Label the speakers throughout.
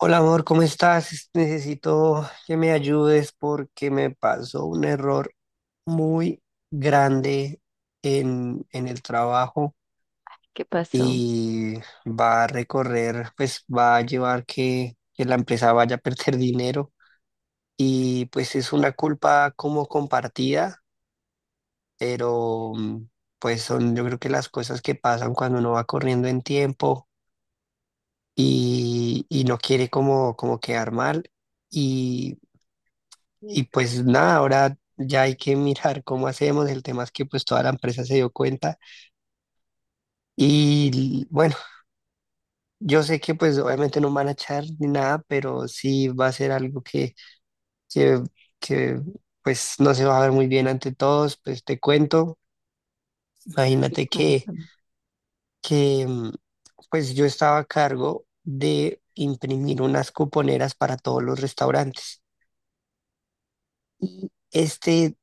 Speaker 1: Hola amor, ¿cómo estás? Necesito que me ayudes porque me pasó un error muy grande en el trabajo
Speaker 2: ¿Qué pasó?
Speaker 1: y va a recorrer, pues va a llevar que la empresa vaya a perder dinero y pues es una culpa como compartida, pero pues son yo creo que las cosas que pasan cuando uno va corriendo en tiempo y no quiere como quedar mal. Y pues nada, ahora ya hay que mirar cómo hacemos. El tema es que pues toda la empresa se dio cuenta. Y bueno, yo sé que pues obviamente no van a echar ni nada, pero sí va a ser algo que, que pues no se va a ver muy bien ante todos. Pues te cuento,
Speaker 2: ¿Qué
Speaker 1: imagínate que,
Speaker 2: cuentan?
Speaker 1: que mm, pues yo estaba a cargo de imprimir unas cuponeras para todos los restaurantes. Y este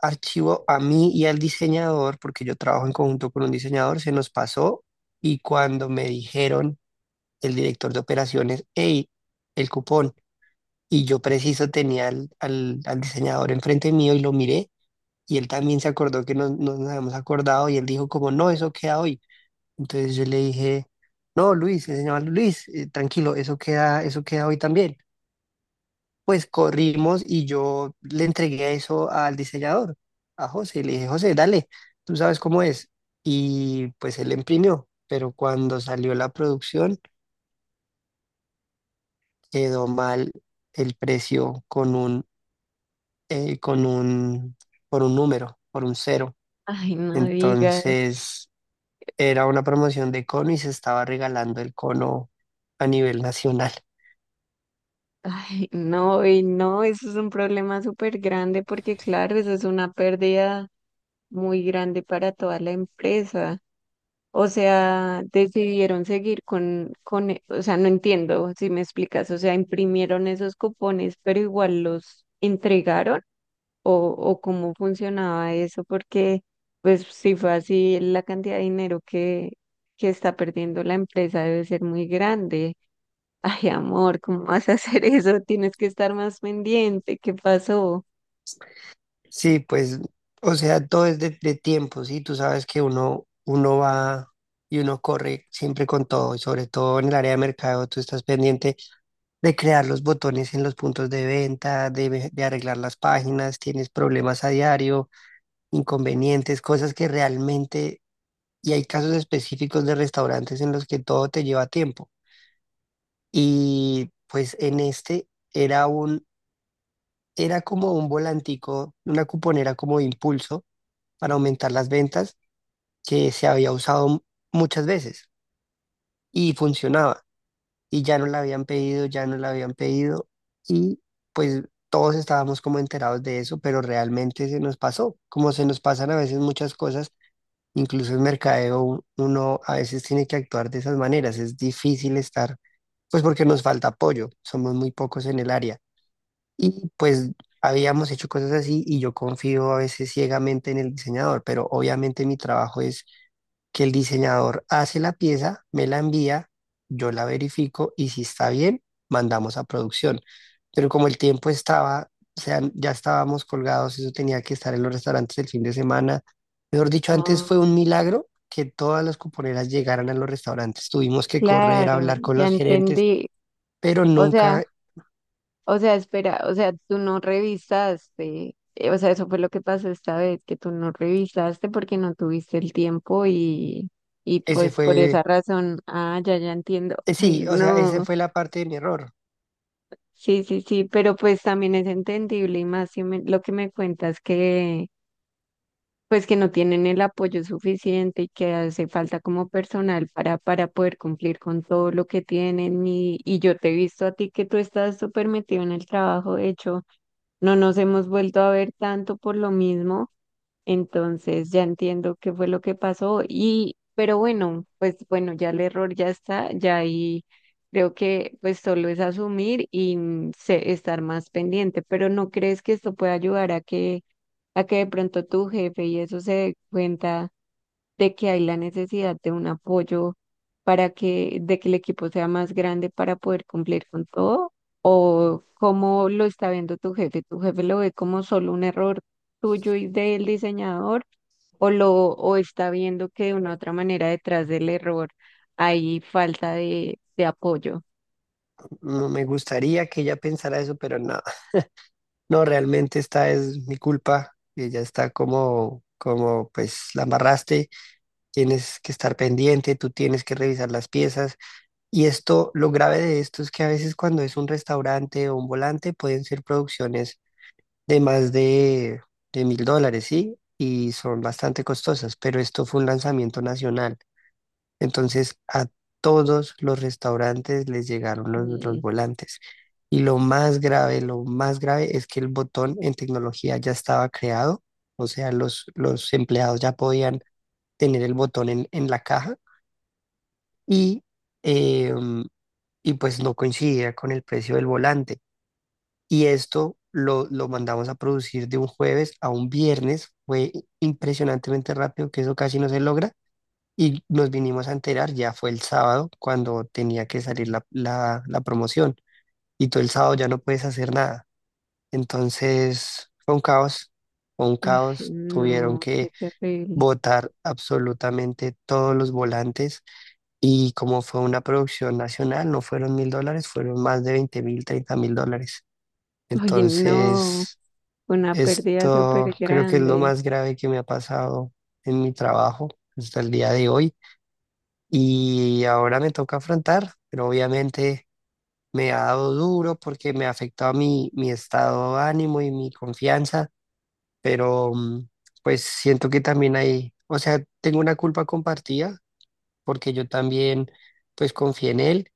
Speaker 1: archivo a mí y al diseñador, porque yo trabajo en conjunto con un diseñador, se nos pasó y cuando me dijeron el director de operaciones, hey, el cupón, y yo preciso tenía al diseñador enfrente mío y lo miré y él también se acordó que no, no nos habíamos acordado y él dijo como, no, eso queda hoy. Entonces yo le dije, no, Luis, se llama Luis, tranquilo, eso queda hoy también. Pues corrimos y yo le entregué eso al diseñador, a José. Le dije, José, dale, tú sabes cómo es. Y pues él imprimió, pero cuando salió la producción quedó mal el precio con un, por un número, por un cero.
Speaker 2: Ay, no digas.
Speaker 1: Entonces era una promoción de cono y se estaba regalando el cono a nivel nacional.
Speaker 2: Ay, no, y no, eso es un problema súper grande porque, claro, eso es una pérdida muy grande para toda la empresa. O sea, decidieron seguir o sea, no entiendo si me explicas. O sea, imprimieron esos cupones, pero igual los entregaron o, o cómo funcionaba eso, porque, pues, si fue así, la cantidad de dinero que está perdiendo la empresa debe ser muy grande. Ay, amor, ¿cómo vas a hacer eso? Tienes que estar más pendiente. ¿Qué pasó?
Speaker 1: Sí, pues, o sea, todo es de tiempo, ¿sí? Tú sabes que uno va y uno corre siempre con todo, y sobre todo en el área de mercado, tú estás pendiente de crear los botones en los puntos de venta, de arreglar las páginas, tienes problemas a diario, inconvenientes, cosas que realmente, y hay casos específicos de restaurantes en los que todo te lleva tiempo. Y pues en este era como un volantico, una cuponera como de impulso para aumentar las ventas que se había usado muchas veces y funcionaba y ya no la habían pedido y pues todos estábamos como enterados de eso, pero realmente se nos pasó, como se nos pasan a veces muchas cosas, incluso en mercadeo uno a veces tiene que actuar de esas maneras, es difícil estar, pues porque nos falta apoyo, somos muy pocos en el área y pues... Habíamos hecho cosas así y yo confío a veces ciegamente en el diseñador, pero obviamente mi trabajo es que el diseñador hace la pieza, me la envía, yo la verifico y si está bien, mandamos a producción. Pero como el tiempo estaba, o sea, ya estábamos colgados, eso tenía que estar en los restaurantes el fin de semana. Mejor dicho, antes
Speaker 2: Ah,
Speaker 1: fue un milagro que todas las cuponeras llegaran a los restaurantes. Tuvimos que correr,
Speaker 2: claro,
Speaker 1: hablar con
Speaker 2: ya
Speaker 1: los gerentes,
Speaker 2: entendí.
Speaker 1: pero
Speaker 2: O sea,
Speaker 1: nunca
Speaker 2: o sea, espera, o sea, tú no revisaste. O sea, eso fue lo que pasó esta vez, que tú no revisaste porque no tuviste el tiempo y
Speaker 1: ese
Speaker 2: pues por esa
Speaker 1: fue,
Speaker 2: razón, ah, ya, ya entiendo. Ay,
Speaker 1: sí, o sea, esa
Speaker 2: no.
Speaker 1: fue la parte de mi error.
Speaker 2: Sí, sí, sí, pero pues también es entendible y más si lo que me cuentas que pues que no tienen el apoyo suficiente y que hace falta como personal para poder cumplir con todo lo que tienen. Y yo te he visto a ti que tú estás súper metido en el trabajo, de hecho, no nos hemos vuelto a ver tanto por lo mismo, entonces ya entiendo qué fue lo que pasó y, pero bueno, pues bueno, ya el error ya está, ya ahí creo que pues solo es asumir y estar más pendiente, pero ¿no crees que esto puede ayudar a a que de pronto tu jefe y eso se dé cuenta de que hay la necesidad de un apoyo para de que el equipo sea más grande para poder cumplir con todo? ¿O cómo lo está viendo tu jefe? ¿Tu jefe lo ve como solo un error tuyo y del diseñador? O está viendo que de una u otra manera detrás del error hay falta de apoyo?
Speaker 1: No me gustaría que ella pensara eso, pero no. No, realmente esta es mi culpa, que ya está como, como pues la amarraste, tienes que estar pendiente, tú tienes que revisar las piezas. Y esto, lo grave de esto es que a veces cuando es un restaurante o un volante pueden ser producciones de más de, de mil dólares, ¿sí? Y son bastante costosas, pero esto fue un lanzamiento nacional. Entonces a todos los restaurantes les llegaron los,
Speaker 2: Mm.
Speaker 1: los volantes. Y lo más grave es que el botón en tecnología ya estaba creado, o sea, los empleados ya podían tener el botón en la caja y, eh, y pues no coincidía con el precio del volante. Y esto lo mandamos a producir de un jueves a un viernes, fue impresionantemente rápido, que eso casi no se logra, y nos vinimos a enterar, ya fue el sábado, cuando tenía que salir la promoción. Y todo el sábado ya no puedes hacer nada. Entonces fue un caos, fue un
Speaker 2: Ay,
Speaker 1: caos. Tuvieron
Speaker 2: no, qué
Speaker 1: que
Speaker 2: terrible.
Speaker 1: botar absolutamente todos los volantes. Y como fue una producción nacional, no fueron $1.000, fueron más de $20.000, $30.000.
Speaker 2: Oye, no,
Speaker 1: Entonces,
Speaker 2: una pérdida
Speaker 1: esto
Speaker 2: súper
Speaker 1: creo que es lo
Speaker 2: grande.
Speaker 1: más grave que me ha pasado en mi trabajo hasta el día de hoy. Y ahora me toca afrontar, pero obviamente me ha dado duro porque me ha afectado mi estado de ánimo y mi confianza, pero pues siento que también hay, o sea, tengo una culpa compartida porque yo también pues confié en él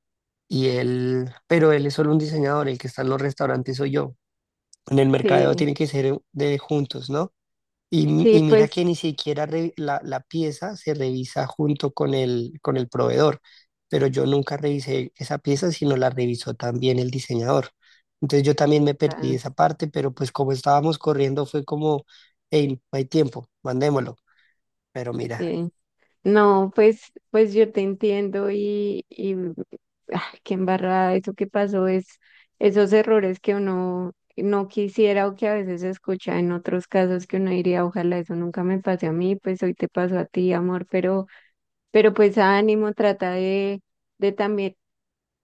Speaker 1: y él, pero él es solo un diseñador, el que está en los restaurantes soy yo. En el mercadeo
Speaker 2: Sí,
Speaker 1: tiene que ser de juntos, ¿no? Y,
Speaker 2: sí,
Speaker 1: y mira que
Speaker 2: pues,
Speaker 1: ni siquiera la pieza se revisa junto con el proveedor, pero yo nunca revisé esa pieza, sino la revisó también el diseñador. Entonces yo también me perdí
Speaker 2: ah,
Speaker 1: esa parte, pero pues como estábamos corriendo fue como, hey, no hay tiempo, mandémoslo. Pero mira,
Speaker 2: sí. No, pues, pues yo te entiendo y ay, qué embarrada, eso que pasó es esos errores que uno no quisiera, o que a veces se escucha en otros casos que uno diría, ojalá eso nunca me pase a mí, pues hoy te pasó a ti, amor, pero pues ánimo, trata de también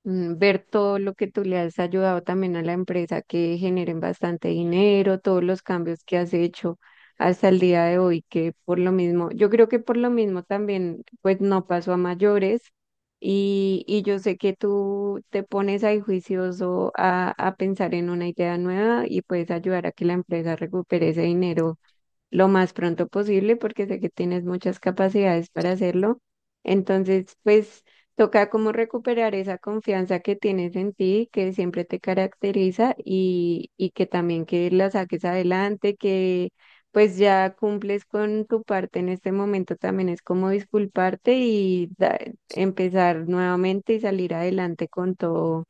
Speaker 2: ver todo lo que tú le has ayudado también a la empresa, que generen bastante dinero, todos los cambios que has hecho hasta el día de hoy, que por lo mismo, yo creo que por lo mismo también, pues no pasó a mayores y yo sé que tú te pones ahí juicioso a pensar en una idea nueva y puedes ayudar a que la empresa recupere ese dinero lo más pronto posible porque sé que tienes muchas capacidades para hacerlo. Entonces, pues toca como recuperar esa confianza que tienes en ti, que siempre te caracteriza y que también que la saques adelante, que pues ya cumples con tu parte en este momento, también es como disculparte y empezar nuevamente y salir adelante con todo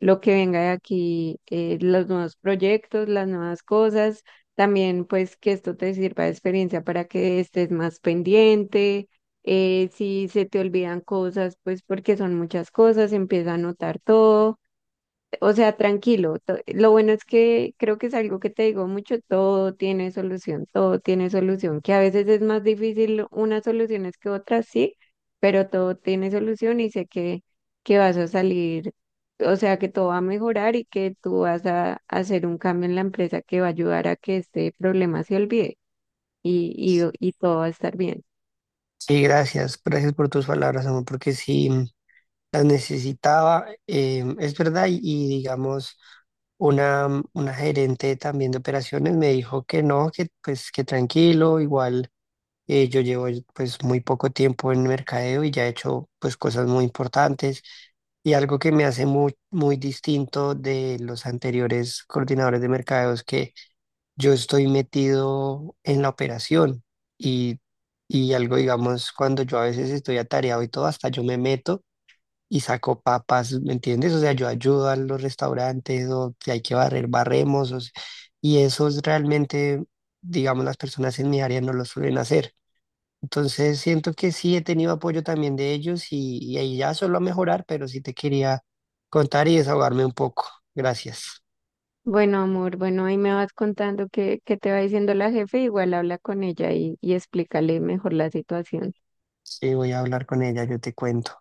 Speaker 2: lo que venga de aquí, los nuevos proyectos, las nuevas cosas, también pues que esto te sirva de experiencia para que estés más pendiente, si se te olvidan cosas, pues porque son muchas cosas, empieza a anotar todo, o sea, tranquilo. Lo bueno es que creo que es algo que te digo mucho, todo tiene solución, que a veces es más difícil unas soluciones que otras, sí, pero todo tiene solución y sé que vas a salir, o sea, que todo va a mejorar y que tú vas a hacer un cambio en la empresa que va a ayudar a que este problema se olvide y, y todo va a estar bien.
Speaker 1: sí, gracias, gracias por tus palabras, amor, porque sí, las necesitaba, es verdad, y digamos, una gerente también de operaciones me dijo que no, que pues que tranquilo, igual yo llevo pues muy poco tiempo en mercadeo y ya he hecho pues cosas muy importantes y algo que me hace muy, muy distinto de los anteriores coordinadores de mercadeo es que yo estoy metido en la operación y, y algo, digamos, cuando yo a veces estoy atareado y todo, hasta yo me meto y saco papas, ¿me entiendes? O sea, yo ayudo a los restaurantes o si hay que barrer, barremos. O si- Y eso es realmente, digamos, las personas en mi área no lo suelen hacer. Entonces siento que sí he tenido apoyo también de ellos y ahí ya solo a mejorar, pero sí te quería contar y desahogarme un poco. Gracias.
Speaker 2: Bueno, amor, bueno, ahí me vas contando qué, qué te va diciendo la jefe, igual habla con ella y explícale mejor la situación.
Speaker 1: Sí, voy a hablar con ella, yo te cuento.